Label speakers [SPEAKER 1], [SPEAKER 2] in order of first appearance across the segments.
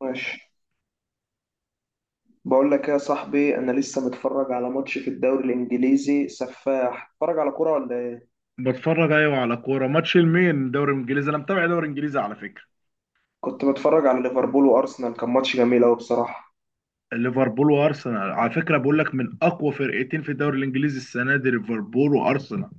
[SPEAKER 1] ماشي. بقول لك يا صاحبي، انا لسه متفرج على ماتش في الدوري الانجليزي، سفاح. اتفرج على كوره ولا ايه؟
[SPEAKER 2] بتفرج، ايوه، على كوره. ماتش المين؟ دوري الانجليزي. انا متابع دوري الانجليزي على فكره.
[SPEAKER 1] كنت بتفرج على ليفربول وارسنال، كان ماتش جميل قوي بصراحه.
[SPEAKER 2] ليفربول وارسنال، على فكره، بقول لك من اقوى فرقتين في الدوري الانجليزي السنه دي، ليفربول وارسنال.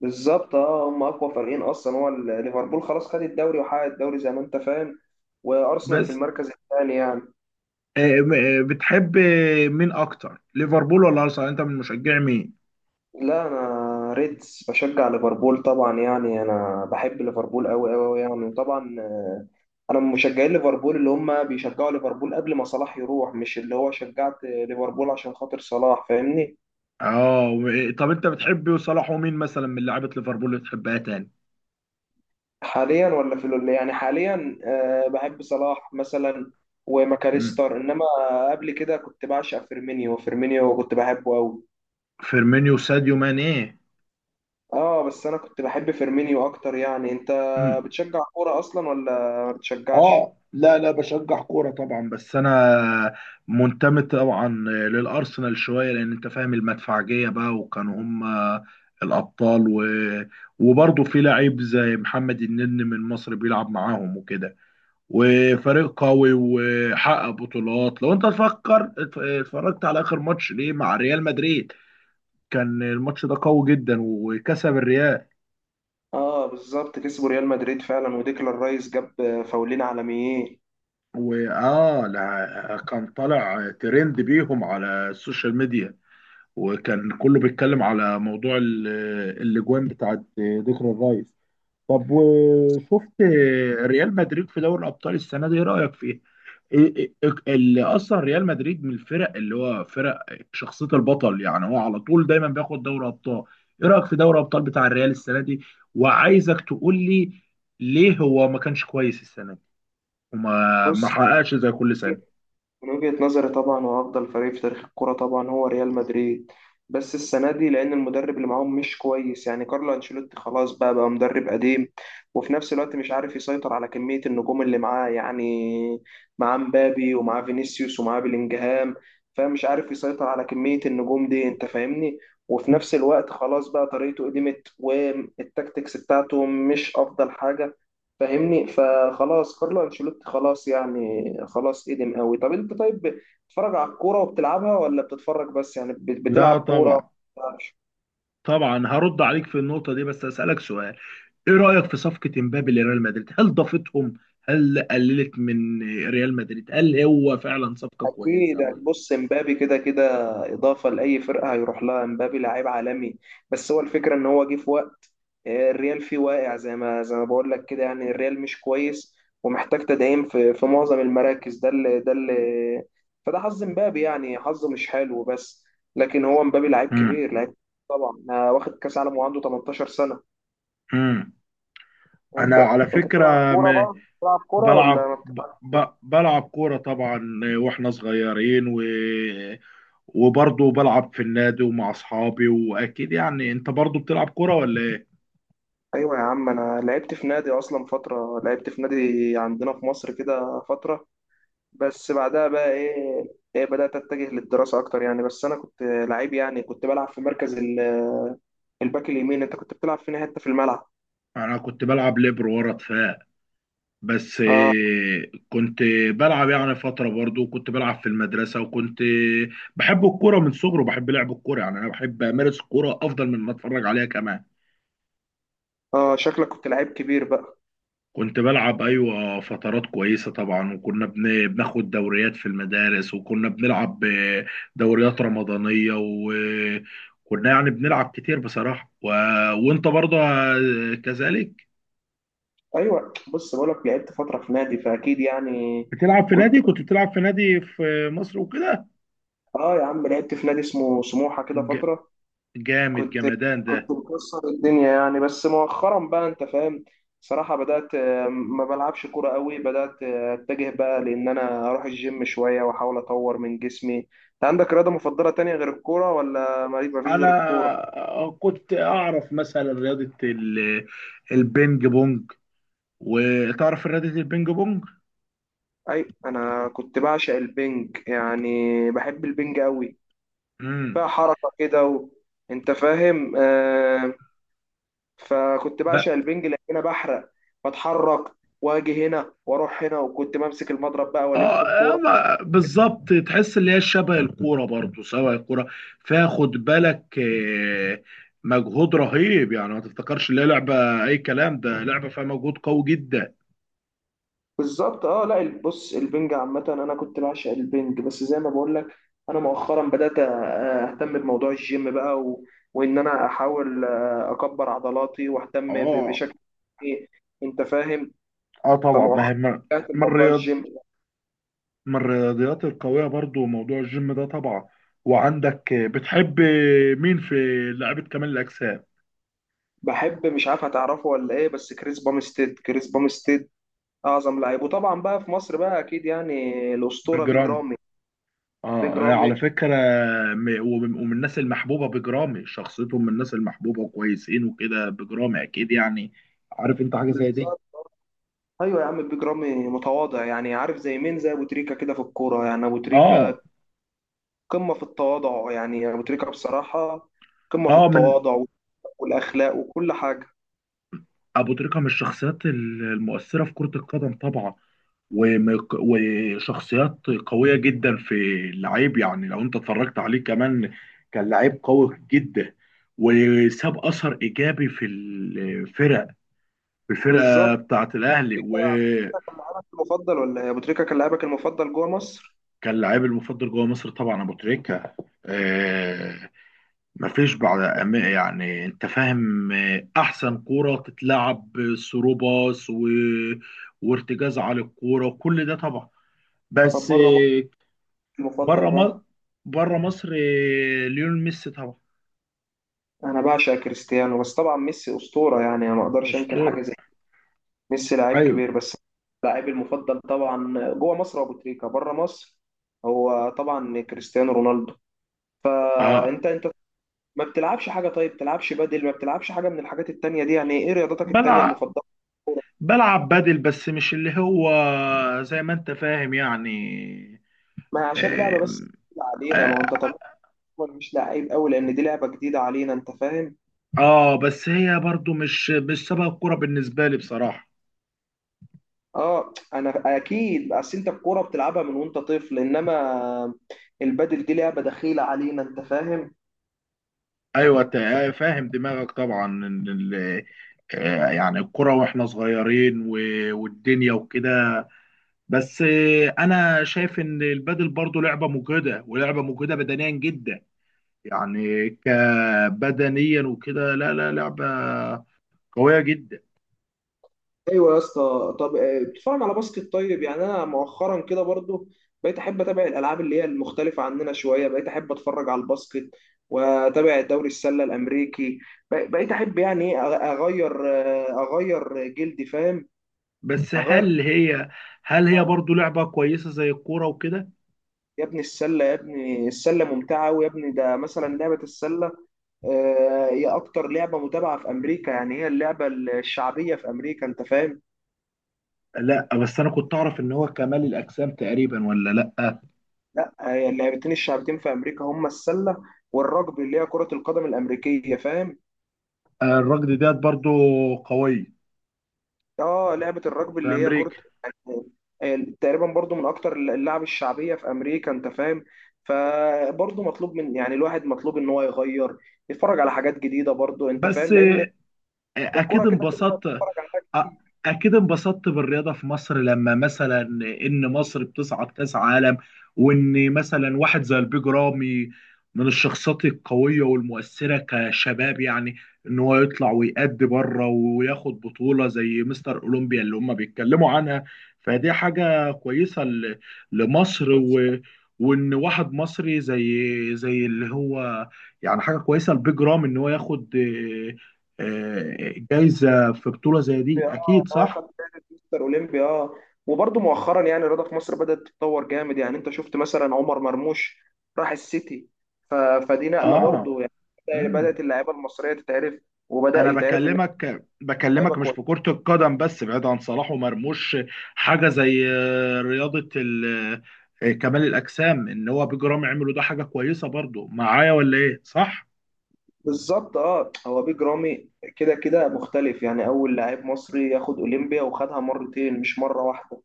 [SPEAKER 1] بالظبط، اه، هم اقوى فريقين اصلا. هو ليفربول خلاص خد الدوري وحقق الدوري، زي ما انت فاهم. وارسنال في
[SPEAKER 2] بس
[SPEAKER 1] المركز الثاني يعني.
[SPEAKER 2] بتحب مين اكتر، ليفربول ولا ارسنال؟ انت من مشجع مين؟
[SPEAKER 1] لا، انا ريدز، بشجع ليفربول طبعا، يعني انا بحب ليفربول قوي قوي يعني طبعا. انا من مشجعين ليفربول اللي هم بيشجعوا ليفربول قبل ما صلاح يروح، مش اللي هو شجعت ليفربول عشان خاطر صلاح، فاهمني؟
[SPEAKER 2] اه، طب انت بتحب صلاح، ومين مثلا من لعيبه ليفربول اللي بتحبها تاني؟
[SPEAKER 1] حاليا، ولا في يعني حاليا بحب صلاح مثلا
[SPEAKER 2] مم.
[SPEAKER 1] وماكاريستر، انما قبل كده كنت بعشق فيرمينيو فيرمينيو، كنت بحبه قوي.
[SPEAKER 2] فيرمينيو ساديو ماني.
[SPEAKER 1] اه، بس انا كنت بحب فيرمينيو اكتر يعني. انت بتشجع كوره اصلا ولا ما بتشجعش؟
[SPEAKER 2] اه، لا لا، بشجع كورة طبعا. بس انا منتمي طبعا للارسنال شوية، لان انت فاهم، المدفعجية بقى، وكانوا هم الابطال وبرضه في لعيب زي محمد النني من مصر بيلعب معاهم وكده، وفريق قوي وحقق بطولات. لو انت تفكر اتفرجت على اخر ماتش ليه مع ريال مدريد، كان الماتش ده قوي جدا وكسب الريال.
[SPEAKER 1] اه بالظبط، كسبوا ريال مدريد فعلا، وديكلان رايس جاب فاولين عالميين.
[SPEAKER 2] واه، لا، كان طالع ترند بيهم على السوشيال ميديا، وكان كله بيتكلم على موضوع الاجوان بتاعت ديكلان الرايس. طب وشفت ريال مدريد في دوري الابطال السنه دي، ايه رايك فيه؟ إيه- إيه- إيه، اللي اصلا ريال مدريد من الفرق اللي هو فرق شخصيه البطل، يعني هو على طول دايما بياخد دوري ابطال. ايه رايك في دوري ابطال بتاع الريال السنه دي؟ وعايزك تقول لي ليه هو ما كانش كويس السنه دي، وما ما
[SPEAKER 1] بص،
[SPEAKER 2] حققش زي كل سنه.
[SPEAKER 1] من وجهة نظري طبعا هو أفضل فريق في تاريخ الكرة طبعا، هو ريال مدريد. بس السنة دي لأن المدرب اللي معاهم مش كويس، يعني كارلو أنشيلوتي خلاص، بقى مدرب قديم. وفي نفس الوقت مش عارف يسيطر على كمية النجوم اللي معاه، يعني معاه مبابي ومعاه فينيسيوس ومعاه بلينجهام. فمش عارف يسيطر على كمية النجوم دي، أنت فاهمني. وفي نفس الوقت خلاص بقى، طريقته قدمت والتكتكس بتاعته مش أفضل حاجة، فاهمني. فخلاص كارلو انشيلوتي خلاص يعني، خلاص قدم قوي. طب انت، طيب، بتتفرج على الكوره وبتلعبها ولا بتتفرج بس؟ يعني بتلعب
[SPEAKER 2] لا
[SPEAKER 1] كوره؟
[SPEAKER 2] طبعا. طبعا هرد عليك في النقطه دي، بس اسالك سؤال: ايه رأيك في صفقة امبابي لريال مدريد؟ هل ضافتهم؟ هل قللت من ريال مدريد؟ هل هو فعلا صفقة
[SPEAKER 1] اكيد.
[SPEAKER 2] كويسة ولا؟
[SPEAKER 1] بص، امبابي كده كده اضافه لاي فرقه هيروح لها، امبابي لعيب عالمي. بس هو الفكره ان هو جه في وقت الريال فيه واقع، زي ما بقول لك كده يعني الريال مش كويس، ومحتاج تدعيم في معظم المراكز، ده اللي فده حظ امبابي، يعني حظه مش حلو بس. لكن هو امبابي لعيب
[SPEAKER 2] مم.
[SPEAKER 1] كبير، لعيب طبعا. واخد كاس عالم وعنده 18 سنه.
[SPEAKER 2] مم. انا
[SPEAKER 1] انت
[SPEAKER 2] على
[SPEAKER 1] انت بتلعب
[SPEAKER 2] فكره،
[SPEAKER 1] كوره بقى؟ بتلعب كوره ولا
[SPEAKER 2] بلعب،
[SPEAKER 1] ما بتلعبش؟
[SPEAKER 2] بلعب كوره طبعا، واحنا صغيرين، و... وبرضه بلعب في النادي ومع اصحابي. واكيد يعني انت برضه بتلعب كوره ولا ايه؟
[SPEAKER 1] ايوه يا عم، انا لعبت في نادي اصلا فتره، لعبت في نادي عندنا في مصر كده فتره. بس بعدها بقى ايه، بدات اتجه للدراسه اكتر يعني. بس انا كنت لعيب يعني، كنت بلعب في مركز الباك اليمين. انت كنت بتلعب فين حته في الملعب؟
[SPEAKER 2] انا كنت بلعب ليبر ورا دفاع. بس
[SPEAKER 1] اه،
[SPEAKER 2] كنت بلعب يعني فترة، برضو كنت بلعب في المدرسة، وكنت بحب الكورة من صغري، وبحب لعب الكورة. يعني أنا بحب أمارس الكورة أفضل من ما أتفرج عليها كمان.
[SPEAKER 1] اه، شكلك كنت لعيب كبير بقى.
[SPEAKER 2] كنت بلعب، أيوة، فترات كويسة طبعا. وكنا بناخد دوريات في المدارس، وكنا بنلعب دوريات رمضانية. وكنا يعني بنلعب كتير بصراحة. و... وأنت برضو كذلك؟
[SPEAKER 1] ايوه، بص بقولك، لعبت فتره في نادي فاكيد يعني
[SPEAKER 2] بتلعب في
[SPEAKER 1] كنت.
[SPEAKER 2] نادي؟ كنت بتلعب في نادي في مصر وكده؟
[SPEAKER 1] اه يا عم، لعبت في نادي اسمه سموحه كده
[SPEAKER 2] ج-
[SPEAKER 1] فتره.
[SPEAKER 2] جامد
[SPEAKER 1] كنت
[SPEAKER 2] جمدان
[SPEAKER 1] كنت
[SPEAKER 2] ده!
[SPEAKER 1] مكسر الدنيا يعني. بس مؤخرا بقى، انت فاهم، صراحة بدأت ما بلعبش كورة قوي. بدأت اتجه بقى، لان انا اروح الجيم شوية واحاول اطور من جسمي. انت عندك رياضة مفضلة تانية غير الكورة ولا ما فيش غير الكورة؟
[SPEAKER 2] انا كنت اعرف مثلا رياضه البينج بونج. وتعرف رياضه البينج بونج؟
[SPEAKER 1] اي، انا كنت بعشق البنج، يعني بحب البنج قوي، فيها
[SPEAKER 2] امم
[SPEAKER 1] حركة كده، انت فاهم. فكنت بعشق
[SPEAKER 2] بقى.
[SPEAKER 1] البنج لان انا بحرق، بتحرك، واجي هنا واروح هنا، وكنت بمسك المضرب بقى
[SPEAKER 2] اه،
[SPEAKER 1] والف الكورة.
[SPEAKER 2] بالظبط، تحس اللي هي شبه الكوره برضو. سواء الكوره فيها، خد بالك، مجهود رهيب. يعني ما تفتكرش اللي هي لعبه اي كلام، ده لعبه فيها مجهود قوي جدا.
[SPEAKER 1] بالظبط. اه لا، بص البنج عامة انا كنت بعشق البنج، بس زي ما بقول لك، انا مؤخرا بدأت اهتم بموضوع الجيم بقى، وان انا احاول اكبر عضلاتي واهتم
[SPEAKER 2] اه،
[SPEAKER 1] بشكل ايه، انت فاهم.
[SPEAKER 2] اه، طبعا. ما
[SPEAKER 1] فمؤخرا
[SPEAKER 2] هي، ما
[SPEAKER 1] بدأت بموضوع الجيم.
[SPEAKER 2] من الرياضيات القوية برضو موضوع الجيم ده طبعا. وعندك بتحب مين في لعبة كمال الأجسام؟
[SPEAKER 1] بحب، مش عارف هتعرفه ولا ايه، بس كريس بامستيد كريس بامستيد، اعظم لعيب. وطبعا بقى في مصر بقى، اكيد يعني الاسطورة بيج
[SPEAKER 2] بجرام.
[SPEAKER 1] رامي،
[SPEAKER 2] اه،
[SPEAKER 1] بيج
[SPEAKER 2] يعني
[SPEAKER 1] رامي.
[SPEAKER 2] على فكرة، ومن الناس المحبوبة، بجرامي شخصيتهم من الناس المحبوبة وكويسين وكده. بجرامي أكيد يعني، عارف أنت حاجة زي دي.
[SPEAKER 1] بالظبط. ايوه يا عم، بيج رامي متواضع يعني. عارف زي مين؟ زي ابو تريكة كده في الكورة يعني. ابو تريكة
[SPEAKER 2] اه.
[SPEAKER 1] قمة في التواضع يعني، أبو تريكة بصراحة قمة في
[SPEAKER 2] اه، من
[SPEAKER 1] التواضع والأخلاق وكل حاجة.
[SPEAKER 2] ابو تريكه. من الشخصيات المؤثره في كره القدم طبعا، وشخصيات قويه جدا في اللعيب. يعني لو انت اتفرجت عليه كمان، كان لعيب قوي جدا. وساب اثر ايجابي في الفرق، في الفرقه
[SPEAKER 1] بالظبط،
[SPEAKER 2] بتاعه الاهلي.
[SPEAKER 1] تريكة
[SPEAKER 2] وكان
[SPEAKER 1] كان لاعبك المفضل ولا إيه؟ أبو تريكة كان لاعبك المفضل جوه مصر؟
[SPEAKER 2] لعيب المفضل جوه مصر طبعا، ابو تريكه. آه، مفيش بعد يعني انت فاهم، احسن كوره تتلعب، ثرو باص، و... وارتجاز على الكوره، وكل ده طبعا.
[SPEAKER 1] طب
[SPEAKER 2] بس
[SPEAKER 1] بره مصر المفضل
[SPEAKER 2] بره مصر،
[SPEAKER 1] بقى؟
[SPEAKER 2] بره مصر ليونيل ميسي طبعا.
[SPEAKER 1] أنا بعشق كريستيانو، بس طبعا ميسي أسطورة، يعني أنا ما أقدرش أنكر
[SPEAKER 2] اسطوره.
[SPEAKER 1] حاجة زي دي. ميسي لعيب
[SPEAKER 2] ايوه،
[SPEAKER 1] كبير بس. لاعبي المفضل طبعا جوه مصر أبو تريكة، بره مصر هو طبعا كريستيانو رونالدو.
[SPEAKER 2] اه.
[SPEAKER 1] فأنت ما بتلعبش حاجة؟ طيب بتلعبش بدل، ما بتلعبش حاجة من الحاجات التانية دي؟ يعني ايه رياضتك التانية
[SPEAKER 2] بلعب،
[SPEAKER 1] المفضلة؟
[SPEAKER 2] بلعب بدل، بس مش اللي هو زي ما انت فاهم يعني.
[SPEAKER 1] ما عشان لعبة بس
[SPEAKER 2] آم،
[SPEAKER 1] جديدة علينا، ما هو انت
[SPEAKER 2] اه،
[SPEAKER 1] طبيعي. هو مش لعيب قوي لان دي لعبة جديدة علينا، انت فاهم؟
[SPEAKER 2] بس هي برضو مش سبب الكوره بالنسبه لي بصراحه.
[SPEAKER 1] اه، انا اكيد، اصل انت الكورة بتلعبها من وانت طفل، انما البدل دي لعبة دخيلة علينا، انت فاهم؟
[SPEAKER 2] ايوه، فاهم دماغك طبعا، ان يعني الكرة، واحنا صغيرين، والدنيا وكده. بس انا شايف ان البادل برضو لعبة مجهدة، ولعبة مجهدة بدنيا جدا. يعني كبدنيا وكده. لا لا، لعبة قوية جدا.
[SPEAKER 1] ايوه يا اسطى. طب بتتفرج على باسكت طيب؟ يعني انا مؤخرا كده برضو بقيت احب اتابع الالعاب اللي هي المختلفه عننا شويه، بقيت احب اتفرج على الباسكت واتابع دوري السله الامريكي. بقيت احب، يعني إيه، اغير اغير جلدي، فاهم؟
[SPEAKER 2] بس
[SPEAKER 1] اغير
[SPEAKER 2] هل هي برضو لعبة كويسة زي الكورة وكده؟
[SPEAKER 1] يا ابني السله، يا ابني السله ممتعه، ويا ابني ده مثلا لعبه السله. هي اكتر لعبه متابعه في امريكا، يعني هي اللعبه الشعبيه في امريكا، انت فاهم.
[SPEAKER 2] لا بس انا كنت اعرف ان هو كمال الاجسام تقريبا، ولا لا
[SPEAKER 1] لا، هي اللعبتين الشعبتين في امريكا هما السله والرجبي، اللي هي كره القدم الامريكيه، فاهم.
[SPEAKER 2] الركض ديت برضو قوي
[SPEAKER 1] اه، لعبه الرجبي
[SPEAKER 2] في
[SPEAKER 1] اللي هي
[SPEAKER 2] امريكا.
[SPEAKER 1] كره يعني تقريبا برضو من اكتر اللعب الشعبيه في امريكا، انت فاهم. فبرضو مطلوب من، يعني الواحد مطلوب ان هو يغير، يتفرج على حاجات جديده برضو، انت
[SPEAKER 2] بس
[SPEAKER 1] فاهم، لان الكره
[SPEAKER 2] اكيد
[SPEAKER 1] كده كده
[SPEAKER 2] انبسطت.
[SPEAKER 1] بتتفرج على حاجات
[SPEAKER 2] أ-
[SPEAKER 1] كتير.
[SPEAKER 2] اكيد انبسطت بالرياضه في مصر، لما مثلا ان مصر بتصعد كاس عالم. وان مثلا واحد زي البيج رامي من الشخصيات القويه والمؤثره كشباب يعني، ان هو يطلع ويأدي بره وياخد بطوله زي مستر اولمبيا اللي هم بيتكلموا عنها. فدي حاجه كويسه ل- لمصر. و وان واحد مصري زي اللي هو يعني حاجه كويسه، البيج رامي ان هو ياخد جايزه في بطولة زي دي،
[SPEAKER 1] اولمبي، اه
[SPEAKER 2] اكيد
[SPEAKER 1] هو خد
[SPEAKER 2] صح.
[SPEAKER 1] جائزه مستر اولمبي، اه. وبرضه مؤخرا يعني الرياضه في مصر بدات تتطور جامد. يعني انت شفت مثلا عمر مرموش راح السيتي، ف... فدي نقله
[SPEAKER 2] اه.
[SPEAKER 1] برضه، يعني
[SPEAKER 2] مم.
[SPEAKER 1] بدات اللعيبه المصريه تتعرف، وبدا
[SPEAKER 2] انا
[SPEAKER 1] يتعرف ان
[SPEAKER 2] بكلمك،
[SPEAKER 1] لعيبه
[SPEAKER 2] بكلمك مش في
[SPEAKER 1] كويسه.
[SPEAKER 2] كرة القدم بس، بعيد عن صلاح ومرموش، حاجة زي رياضة ال آه، كمال الأجسام، إن هو بجرام عملوا، ده حاجة كويسة برضو معايا، ولا إيه؟ صح؟
[SPEAKER 1] بالظبط، اه هو بيج رامي كده كده مختلف يعني، اول لاعب مصري ياخد اولمبيا وخدها مرتين مش مره واحده.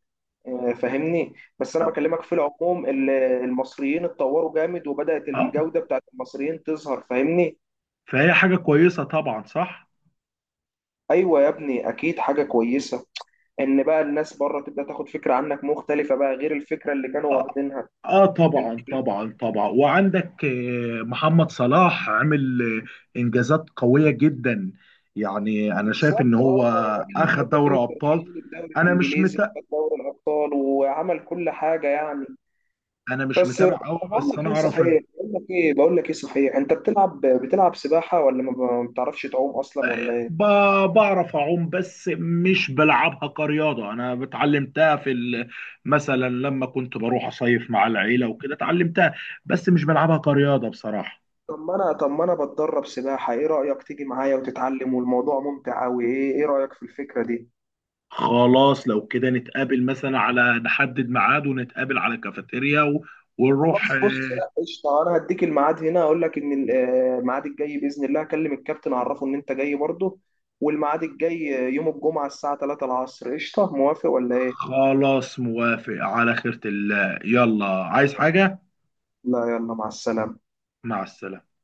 [SPEAKER 1] فاهمني. بس انا بكلمك في العموم، المصريين اتطوروا جامد، وبدات
[SPEAKER 2] آه.
[SPEAKER 1] الجوده بتاعت المصريين تظهر، فاهمني.
[SPEAKER 2] فهي حاجة كويسة طبعا، صح؟
[SPEAKER 1] ايوه يا ابني، اكيد حاجه كويسه، ان بقى الناس بره تبدا تاخد فكره عنك مختلفه بقى غير الفكره اللي كانوا
[SPEAKER 2] آه،
[SPEAKER 1] واخدينها.
[SPEAKER 2] اه،
[SPEAKER 1] انت
[SPEAKER 2] طبعا طبعا طبعا. وعندك محمد صلاح عمل انجازات قويه جدا. يعني انا شايف ان
[SPEAKER 1] بالظبط.
[SPEAKER 2] هو
[SPEAKER 1] اه راجل من
[SPEAKER 2] اخذ
[SPEAKER 1] الهدافين
[SPEAKER 2] دوري ابطال.
[SPEAKER 1] التاريخيين للدوري
[SPEAKER 2] انا مش
[SPEAKER 1] الانجليزي،
[SPEAKER 2] متابع
[SPEAKER 1] وخد دوري الابطال وعمل كل حاجه يعني.
[SPEAKER 2] انا مش
[SPEAKER 1] بس،
[SPEAKER 2] متابع قوي.
[SPEAKER 1] بقول
[SPEAKER 2] بس
[SPEAKER 1] لك
[SPEAKER 2] انا
[SPEAKER 1] ايه
[SPEAKER 2] اعرف ان
[SPEAKER 1] صحيح، بقول لك ايه صحيح، انت بتلعب سباحه، ولا ما بتعرفش تعوم اصلا ولا ايه؟
[SPEAKER 2] بعرف اعوم، بس مش بلعبها كرياضه. انا اتعلمتها في مثلا لما كنت بروح اصيف مع العيله وكده، اتعلمتها. بس مش بلعبها كرياضه بصراحه.
[SPEAKER 1] طب ما انا بتدرب سباحه. ايه رايك تيجي معايا وتتعلم؟ والموضوع ممتع قوي. ايه رايك في الفكره دي؟
[SPEAKER 2] خلاص، لو كده نتقابل مثلا، على نحدد ميعاد ونتقابل على كافيتيريا، و... ونروح
[SPEAKER 1] خلاص، بص لا قشطه، انا هديك الميعاد هنا، اقول لك ان الميعاد الجاي باذن الله اكلم الكابتن اعرفه ان انت جاي برضه. والميعاد الجاي يوم الجمعه الساعه 3 العصر. قشطه، موافق ولا ايه؟
[SPEAKER 2] خلاص. موافق، على خيرة الله. يلا، عايز حاجة؟
[SPEAKER 1] لا، يلا مع السلامه.
[SPEAKER 2] مع السلامة.